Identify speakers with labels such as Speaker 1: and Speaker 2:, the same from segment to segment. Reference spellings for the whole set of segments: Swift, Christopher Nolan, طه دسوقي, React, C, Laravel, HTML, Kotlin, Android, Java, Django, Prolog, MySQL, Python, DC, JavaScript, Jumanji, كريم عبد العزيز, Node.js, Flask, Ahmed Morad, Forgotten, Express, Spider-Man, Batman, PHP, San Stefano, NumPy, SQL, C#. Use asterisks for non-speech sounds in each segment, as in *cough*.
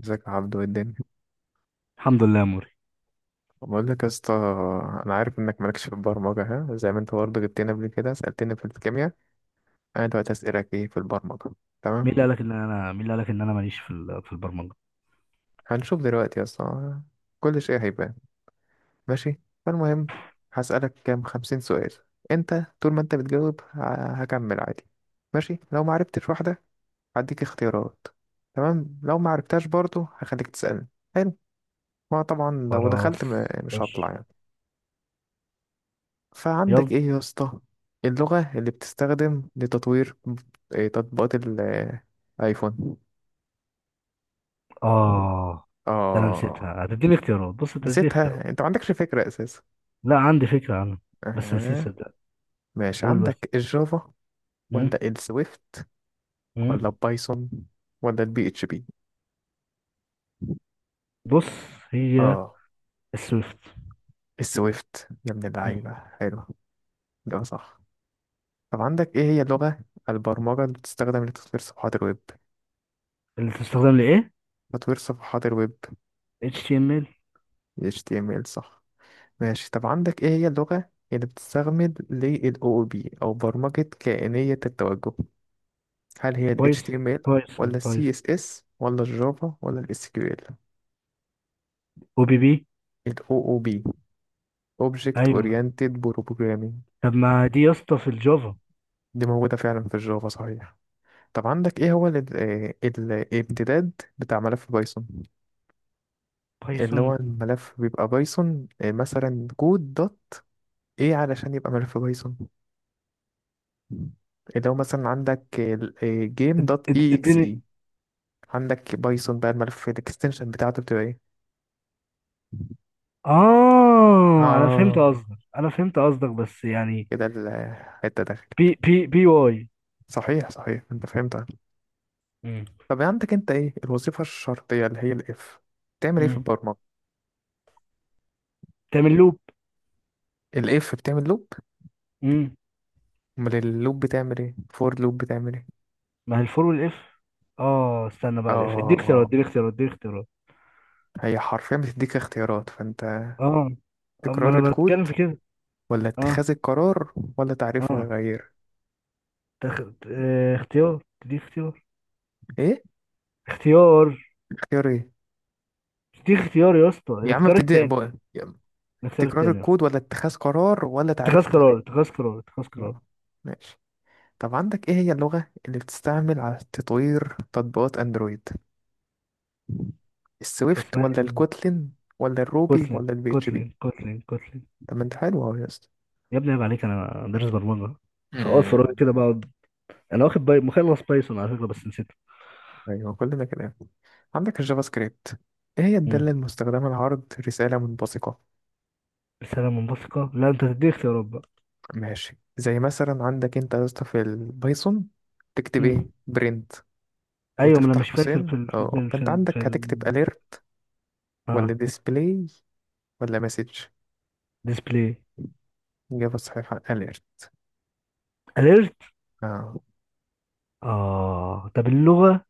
Speaker 1: ازيك يا عبدو؟ ايه الدنيا؟
Speaker 2: الحمد لله يا موري.
Speaker 1: بقول لك يا اسطى، انا عارف انك مالكش في البرمجه، ها، زي ما انت برضه جبتني قبل كده سالتني في الكيمياء. انا دلوقتي اسالك ايه في البرمجه. تمام.
Speaker 2: مين اللي قالك ان انا ماليش في في البرمجه؟
Speaker 1: هنشوف دلوقتي يا اسطى، كل شيء هيبان. ماشي. فالمهم، هسالك كام خمسين سؤال. انت طول ما انت بتجاوب هكمل عادي. ماشي، لو ما عرفتش واحده هديك اختيارات. تمام، لو ما عرفتهاش برضه هخليك تسالني. حلو. ما طبعا لو
Speaker 2: خلاص،
Speaker 1: دخلت مش
Speaker 2: خش،
Speaker 1: هطلع يعني. فعندك
Speaker 2: يلا.
Speaker 1: ايه يا اسطى؟ اللغة اللي بتستخدم لتطوير تطبيقات الايفون؟
Speaker 2: اه، ده انا
Speaker 1: اه.
Speaker 2: نسيتها، هتديني اختيارات؟ بص، انت هتديني اختيارات.
Speaker 1: نسيتها؟ انت ما عندكش فكرة اساسا؟
Speaker 2: لا، عندي فكره عنها بس نسيت
Speaker 1: اها.
Speaker 2: صدق.
Speaker 1: ماشي،
Speaker 2: قول بس.
Speaker 1: عندك الجافا
Speaker 2: مم.
Speaker 1: ولا السويفت ولا
Speaker 2: مم.
Speaker 1: البايثون ولا البي اتش بي؟
Speaker 2: بص، هي
Speaker 1: اه.
Speaker 2: السويفت.
Speaker 1: السويفت يا ابن
Speaker 2: مم.
Speaker 1: اللعيبة، حلو. ده صح. طب عندك ايه هي لغة البرمجة اللي بتستخدم لتطوير صفحات الويب؟
Speaker 2: اللي تستخدم لايه؟
Speaker 1: تطوير صفحات الويب.
Speaker 2: HTML.
Speaker 1: HTML صح. ماشي، طب عندك ايه هي اللغة اللي بتستخدم لل OOP او برمجة كائنية التوجه؟ هل هي ال
Speaker 2: بايثون
Speaker 1: HTML ولا
Speaker 2: بايثون
Speaker 1: ال
Speaker 2: بايثون.
Speaker 1: CSS ولا الجافا ولا ال SQL؟
Speaker 2: او بي بي،
Speaker 1: ال OOP Object
Speaker 2: ايوه.
Speaker 1: Oriented Programming.
Speaker 2: طب ما دي يا اسطى في الجافا
Speaker 1: دي موجودة فعلا في الجافا صحيح. طب عندك ايه هو ال الامتداد بتاع ملف بايثون؟ اللي
Speaker 2: بايثون.
Speaker 1: هو الملف بيبقى بايثون، مثلا كود دوت ايه علشان يبقى ملف بايثون؟ اللي هو مثلا عندك جيم
Speaker 2: اد-
Speaker 1: دوت
Speaker 2: اد-
Speaker 1: اي اكس.
Speaker 2: اديني
Speaker 1: عندك بايثون بقى، الملف الاكستنشن بتاعته بتبقى ايه؟
Speaker 2: اه،
Speaker 1: اه،
Speaker 2: انا فهمت قصدك، بس يعني.
Speaker 1: كده الحتة داخل.
Speaker 2: بي بي بي واي.
Speaker 1: صحيح صحيح، انت فهمتها.
Speaker 2: امم
Speaker 1: طب عندك انت ايه الوظيفة الشرطية اللي هي الاف بتعمل ايه في
Speaker 2: امم،
Speaker 1: البرمجة؟
Speaker 2: تعمل لوب.
Speaker 1: الاف بتعمل لوب؟
Speaker 2: امم.
Speaker 1: امال اللوب بتعمل ايه؟ فور لوب بتعمل ايه؟
Speaker 2: ما هي الفور والاف. اه استنى
Speaker 1: اه
Speaker 2: بقى، الاف، اديني اختيارات
Speaker 1: اه.
Speaker 2: اديني اختيارات اديني اختيارات.
Speaker 1: هي حرفيا بتديك اختيارات، فانت
Speaker 2: اه. اما
Speaker 1: تكرار
Speaker 2: انا بتكلم
Speaker 1: الكود
Speaker 2: في كده.
Speaker 1: ولا
Speaker 2: اه،
Speaker 1: اتخاذ القرار ولا تعريف
Speaker 2: اه،
Speaker 1: متغير؟
Speaker 2: تخ... اه، اختيار، تدي اختيار.
Speaker 1: ايه؟
Speaker 2: اختيار،
Speaker 1: اختيار ايه؟
Speaker 2: تدي اختيار يا اسطى،
Speaker 1: يا عم
Speaker 2: الاختيار
Speaker 1: بتدي
Speaker 2: التاني.
Speaker 1: بقى،
Speaker 2: الاختيار
Speaker 1: تكرار
Speaker 2: التاني يا اسطى.
Speaker 1: الكود ولا اتخاذ قرار ولا تعريف
Speaker 2: اتخاذ قرار،
Speaker 1: متغير؟
Speaker 2: اتخاذ قرار، اتخاذ قرار.
Speaker 1: آه، ماشي. طب عندك ايه هي اللغة اللي بتستعمل على تطوير تطبيقات اندرويد؟
Speaker 2: كان
Speaker 1: السويفت
Speaker 2: اسمها
Speaker 1: ولا
Speaker 2: ايه؟
Speaker 1: الكوتلين ولا الروبي
Speaker 2: كوتلين
Speaker 1: ولا البي اتش بي؟
Speaker 2: كوتلين كوتلين كوتلين.
Speaker 1: طب ما انت حلو اهو يا اسطى.
Speaker 2: يا ابني عيب عليك، انا دارس برمجه، فاقعد في فراغي
Speaker 1: مم.
Speaker 2: كده بقعد. مخلص بايثون على فكره بس نسيته.
Speaker 1: ايوه كلنا كده. عندك الجافا سكريبت، ايه هي الدالة
Speaker 2: مم.
Speaker 1: المستخدمة لعرض رسالة منبثقة؟
Speaker 2: رساله منبثقه، لا، انت تديك اختيارات بقى.
Speaker 1: ماشي، زي مثلا عندك انت يا اسطى في البايثون تكتب ايه؟
Speaker 2: مم.
Speaker 1: برنت
Speaker 2: ايوه، ما انا
Speaker 1: وتفتح
Speaker 2: مش فاكر
Speaker 1: قوسين، اه. فانت عندك هتكتب اليرت ولا
Speaker 2: اه،
Speaker 1: ديسبلاي ولا مسج؟
Speaker 2: ديسبلاي.
Speaker 1: اجابة صحيحة اليرت.
Speaker 2: اليرت.
Speaker 1: اه.
Speaker 2: اه، طب اللغه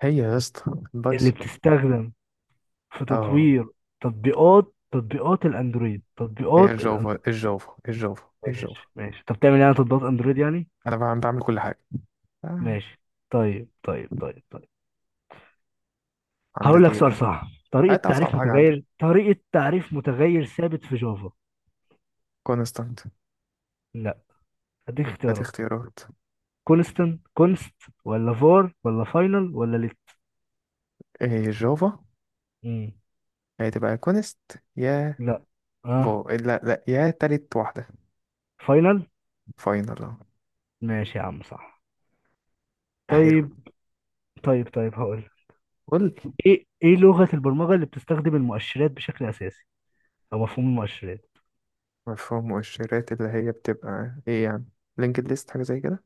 Speaker 1: هي يا اسطى
Speaker 2: اللي
Speaker 1: البايثون.
Speaker 2: بتستخدم في
Speaker 1: اه،
Speaker 2: تطوير تطبيقات تطبيقات الاندرويد.
Speaker 1: هي
Speaker 2: تطبيقات الاندرويد.
Speaker 1: الجافا الجافا الجافا الجافا.
Speaker 2: ماشي، ماشي، طب تعمل يعني تطبيقات اندرويد يعني.
Speaker 1: انا بعمل بعمل كل حاجه. آه.
Speaker 2: ماشي. طيب، طيب، طيب، طيب. هقول
Speaker 1: عندك
Speaker 2: لك
Speaker 1: ايه
Speaker 2: سؤال
Speaker 1: بقى؟
Speaker 2: صعب. طريقة
Speaker 1: هات
Speaker 2: تعريف
Speaker 1: اصعب حاجه عندك.
Speaker 2: متغير، طريقة تعريف متغير ثابت في جافا.
Speaker 1: كونستانت.
Speaker 2: لا، اديك
Speaker 1: هات
Speaker 2: اختيارات.
Speaker 1: اختيارات.
Speaker 2: كونستنت، كونست، ولا فور، ولا فاينل، ولا ليت.
Speaker 1: ايه الجافا؟
Speaker 2: مم.
Speaker 1: هتبقى كونست؟ يا
Speaker 2: لا، اه،
Speaker 1: فو، لا لا، يا تالت واحده.
Speaker 2: فاينل.
Speaker 1: فاينل أهو.
Speaker 2: ماشي يا عم، صح.
Speaker 1: حلو.
Speaker 2: طيب. طيب هقول لك.
Speaker 1: قول.
Speaker 2: ايه لغة البرمجة اللي بتستخدم المؤشرات بشكل اساسي، او مفهوم المؤشرات.
Speaker 1: مفهوم مؤشرات اللي هي بتبقى ايه يعني؟ لينكد ليست حاجه زي كده؟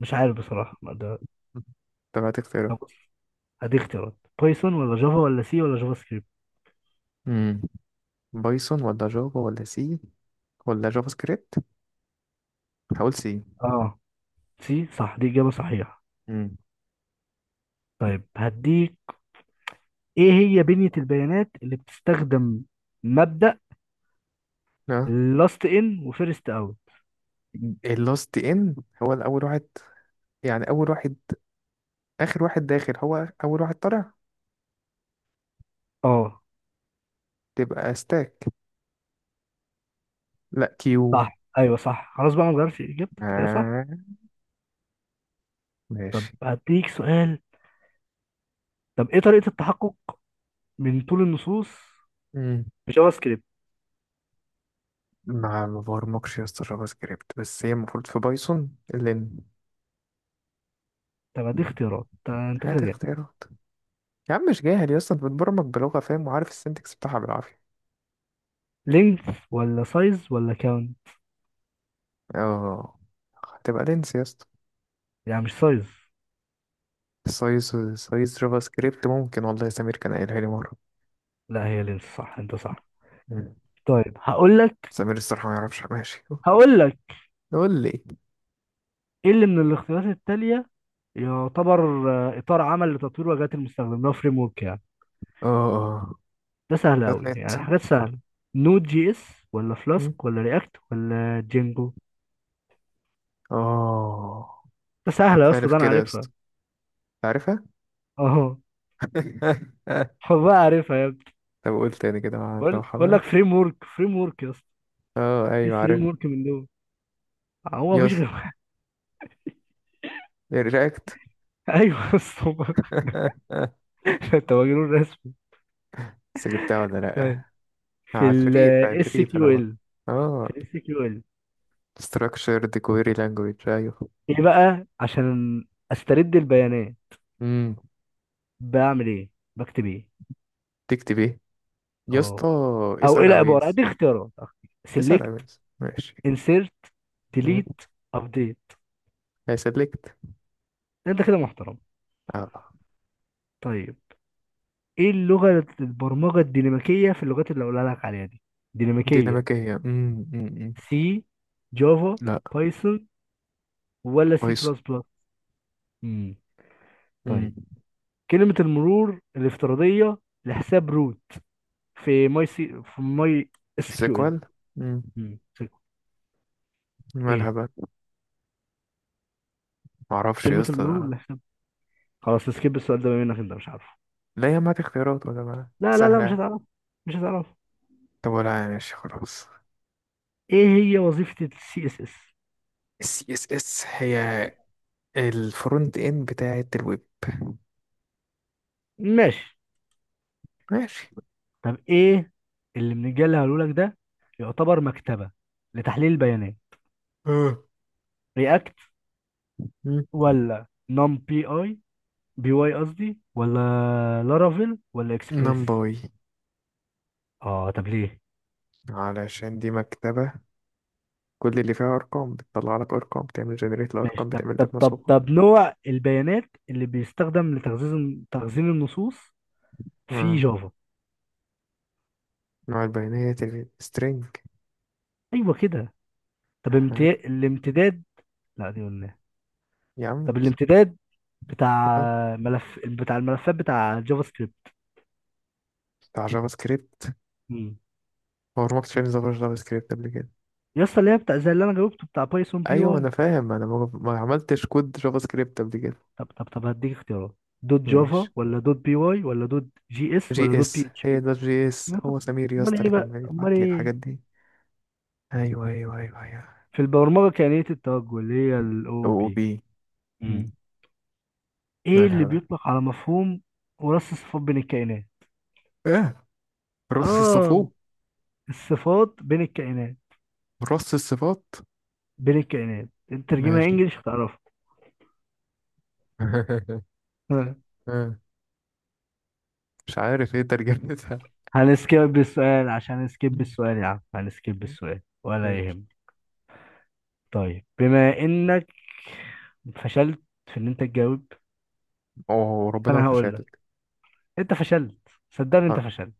Speaker 2: مش عارف بصراحة، ما ده.
Speaker 1: مم. طب هات
Speaker 2: طب
Speaker 1: اختيارات.
Speaker 2: بص، هديك اختيارات. بايثون، ولا جافا، ولا سي، ولا جافا سكريبت.
Speaker 1: امم، بايثون ولا جافا ولا سي ولا جافا سكريبت؟ هقول سي.
Speaker 2: اه، سي صح، دي اجابة صحيحة.
Speaker 1: امم.
Speaker 2: طيب هديك. ايه هي بنية البيانات اللي بتستخدم مبدأ
Speaker 1: اه،
Speaker 2: لاست ان وفيرست اوت؟
Speaker 1: اللاست ان هو الاول واحد، يعني اول واحد اخر واحد داخل هو اول واحد طالع،
Speaker 2: اه،
Speaker 1: تبقى ستاك، لا كيو.
Speaker 2: صح، ايوه صح، خلاص بقى، ما نغيرش اجابتك، هي صح.
Speaker 1: آه،
Speaker 2: طب
Speaker 1: ماشي.
Speaker 2: هديك سؤال. طب ايه طريقة التحقق من طول النصوص
Speaker 1: مم.
Speaker 2: في جافا سكريبت؟
Speaker 1: ما ما برمجش يا اسطى جافا سكريبت، بس هي المفروض في بايثون لين.
Speaker 2: طب هديك اختيارات، طب انت كده
Speaker 1: هات
Speaker 2: جامد.
Speaker 1: اختيارات. يا عم مش جاهل يا اسطى، انت بتبرمج بلغة فاهم وعارف السنتكس بتاعها بالعافية.
Speaker 2: لينث، ولا سايز، ولا كاون.
Speaker 1: اه، هتبقى لينس يا اسطى.
Speaker 2: يعني مش سايز؟
Speaker 1: سايز، سايز جافا سكريبت ممكن، والله سمير كان قايلها لي مرة.
Speaker 2: لا، هي لينث صح، انت صح.
Speaker 1: مم.
Speaker 2: طيب هقول لك.
Speaker 1: سمير الصراحة ما يعرفش. ماشي،
Speaker 2: هقول لك
Speaker 1: قول لي.
Speaker 2: ايه اللي من الاختيارات التالية يعتبر اطار عمل لتطوير واجهات المستخدم؟ ده فريم ورك يعني،
Speaker 1: اه اه.
Speaker 2: ده سهل
Speaker 1: دوت
Speaker 2: أوي،
Speaker 1: نت.
Speaker 2: يعني حاجات سهلة. نود جي اس، ولا
Speaker 1: مم.
Speaker 2: فلاسك، ولا رياكت، ولا جينجو.
Speaker 1: اه،
Speaker 2: ده سهلة يا اسطى،
Speaker 1: عارف
Speaker 2: ده أنا
Speaker 1: كده يا
Speaker 2: عارفها.
Speaker 1: اسطى، عارفها.
Speaker 2: أهو.
Speaker 1: *laughs*
Speaker 2: حبها، عارفها يا ابني.
Speaker 1: طب قول تاني كده مع الراحة
Speaker 2: بقول
Speaker 1: بقى.
Speaker 2: لك فريم ورك، فريم ورك يا اسطى.
Speaker 1: اه
Speaker 2: إيه
Speaker 1: ايوه عارف.
Speaker 2: فريم ورك من دول؟ هو
Speaker 1: يا
Speaker 2: مفيش
Speaker 1: اسطى
Speaker 2: غير واحد.
Speaker 1: رياكت.
Speaker 2: *laughs* أيوه يا اسطى.
Speaker 1: *laughs*
Speaker 2: *laughs* أنت مجنون رسمي.
Speaker 1: بس جبتها ولا
Speaker 2: طيب،
Speaker 1: لأ؟
Speaker 2: في ال
Speaker 1: عفريت
Speaker 2: اس
Speaker 1: عفريت انا
Speaker 2: كيو
Speaker 1: بقى.
Speaker 2: ال في
Speaker 1: اه.
Speaker 2: الاس كيو ال.
Speaker 1: structured query language، ايوه.
Speaker 2: إيه بقى عشان أسترد البيانات،
Speaker 1: امم.
Speaker 2: بعمل إيه؟ بكتب إيه؟
Speaker 1: تكتب ايه يا
Speaker 2: أه،
Speaker 1: اسطى؟
Speaker 2: أو إيه
Speaker 1: اسأل
Speaker 2: العبارة؟
Speaker 1: عويز،
Speaker 2: دي اختيارات.
Speaker 1: اسأل
Speaker 2: سيلكت،
Speaker 1: عويز ماشي.
Speaker 2: انسيرت،
Speaker 1: امم.
Speaker 2: ديليت، ابديت.
Speaker 1: هيسلكت.
Speaker 2: انت كده محترم.
Speaker 1: اه.
Speaker 2: طيب، ايه اللغة البرمجة الديناميكية في اللغات اللي اقولها لك عليها دي، ديناميكية.
Speaker 1: ديناميكية، امم.
Speaker 2: سي، جافا،
Speaker 1: لا.
Speaker 2: بايثون، ولا سي
Speaker 1: بايثون.
Speaker 2: بلس بلس. امم.
Speaker 1: امم.
Speaker 2: طيب. كلمة المرور الافتراضية لحساب روت في ماي سي في ماي اس كيو ال.
Speaker 1: سيكوال. امم.
Speaker 2: امم.
Speaker 1: مالها
Speaker 2: ايه؟
Speaker 1: بقى؟ معرفش يا
Speaker 2: كلمة المرور
Speaker 1: اسطى.
Speaker 2: لحساب، خلاص، نسكيب السؤال ده بما انك انت مش عارفه.
Speaker 1: لا يا ما اختيارات ولا ما
Speaker 2: لا، لا، لا،
Speaker 1: سهلة
Speaker 2: مش
Speaker 1: يعني.
Speaker 2: هتعرف، مش هتعرف.
Speaker 1: طب ولا يعني، ماشي خلاص.
Speaker 2: ايه هي وظيفة السي اس اس؟
Speaker 1: السي اس اس هي الفرونت اند بتاعة الويب.
Speaker 2: ماشي.
Speaker 1: ماشي.
Speaker 2: طب ايه اللي من الجيل اللي هقوله لك ده يعتبر مكتبه لتحليل البيانات؟
Speaker 1: اه،
Speaker 2: رياكت، ولا نم بي اي، بي واي قصدي، ولا لارافيل، ولا اكسبريس.
Speaker 1: نمباي.
Speaker 2: اه، طب ليه؟
Speaker 1: علشان دي مكتبة كل اللي فيها أرقام، بتطلع لك أرقام، بتعمل جنريت
Speaker 2: ماشي،
Speaker 1: الأرقام، بتعمل لك مسحوق.
Speaker 2: طب نوع البيانات اللي بيستخدم لتخزين تخزين النصوص في
Speaker 1: آه.
Speaker 2: جافا.
Speaker 1: نوع البيانات السترينج.
Speaker 2: ايوه كده. طب
Speaker 1: أها.
Speaker 2: الامتداد. لا، دي قلناها.
Speaker 1: يا
Speaker 2: طب
Speaker 1: عم.
Speaker 2: الامتداد بتاع
Speaker 1: آه،
Speaker 2: ملف، بتاع الملفات، بتاع جافا سكريبت.
Speaker 1: بتاع جافا سكريبت.
Speaker 2: مم.
Speaker 1: هو ما كنتش فاهم جافا سكريبت قبل كده.
Speaker 2: يا اسطى، اللي هي بتاع زي اللي انا جاوبته بتاع بايثون، بي
Speaker 1: أيوة
Speaker 2: واي.
Speaker 1: أنا فاهم، أنا ما عملتش كود جافا سكريبت قبل كده.
Speaker 2: طب هديك اختيارات. دوت
Speaker 1: ماشي.
Speaker 2: جافا، ولا دوت بي واي، ولا دوت جي اس، ولا
Speaker 1: جي
Speaker 2: دوت
Speaker 1: اس،
Speaker 2: بي اتش
Speaker 1: هي
Speaker 2: بي.
Speaker 1: ده جي اس،
Speaker 2: يبقى طب،
Speaker 1: هو سمير يا اسطى اللي كان
Speaker 2: امال
Speaker 1: بيبعت لي
Speaker 2: ايه.
Speaker 1: الحاجات دي. ايوه ايوه ايوه ايوه.
Speaker 2: في البرمجه كائنيه التوجه اللي هي الاو
Speaker 1: او
Speaker 2: بي.
Speaker 1: بي.
Speaker 2: امم. ايه اللي
Speaker 1: مالها بقى؟
Speaker 2: بيطلق على مفهوم وراث الصفات بين الكائنات؟
Speaker 1: ايه؟ رص
Speaker 2: اه،
Speaker 1: الصفوف.
Speaker 2: الصفات بين الكائنات،
Speaker 1: رص الصفات.
Speaker 2: بين الكائنات، انت ترجمها
Speaker 1: ماشي.
Speaker 2: انجلش هتعرفها.
Speaker 1: *laughs*
Speaker 2: *laughs* ها.
Speaker 1: آه، مش عارف ايه ترجمتها.
Speaker 2: هنسكيب
Speaker 1: مم.
Speaker 2: السؤال يا عم، هنسكيب السؤال ولا
Speaker 1: ماشي.
Speaker 2: يهم. طيب بما انك فشلت في ان انت تجاوب،
Speaker 1: اوه ربنا ما
Speaker 2: فانا هقول
Speaker 1: فشلتك.
Speaker 2: انت فشلت، صدقني انت
Speaker 1: آه،
Speaker 2: فشلت.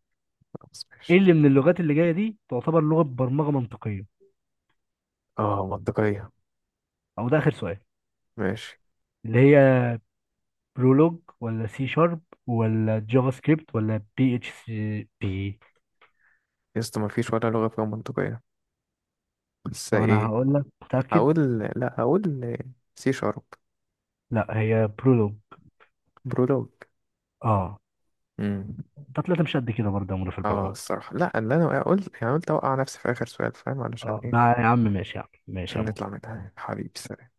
Speaker 1: خلاص
Speaker 2: ايه
Speaker 1: ماشي.
Speaker 2: اللي من اللغات اللي جايه دي تعتبر لغه برمجه منطقيه،
Speaker 1: اه، منطقية.
Speaker 2: او ده اخر سؤال.
Speaker 1: ماشي.
Speaker 2: اللي هي برولوج، ولا سي شارب، ولا جافا سكريبت، ولا بي اتش سي بي.
Speaker 1: يا اسطى ما فيش ولا لغة فيها منطقية، بس
Speaker 2: طب انا
Speaker 1: ايه،
Speaker 2: هقول لك، متاكد؟
Speaker 1: هقول، لا هقول سي شارب.
Speaker 2: لا، هي برولوج.
Speaker 1: برولوج.
Speaker 2: اه، ده طلعت مش قد كده برضه يا عمرو في
Speaker 1: اه
Speaker 2: البرمجه.
Speaker 1: الصراحة لا، اللي انا قلت يعني قلت اوقع نفسي في اخر سؤال، فاهم علشان
Speaker 2: اه
Speaker 1: ايه؟
Speaker 2: يا عم ماشي، يا عم ماشي، يا
Speaker 1: عشان
Speaker 2: عم.
Speaker 1: نطلع منها حبيبي، سلام.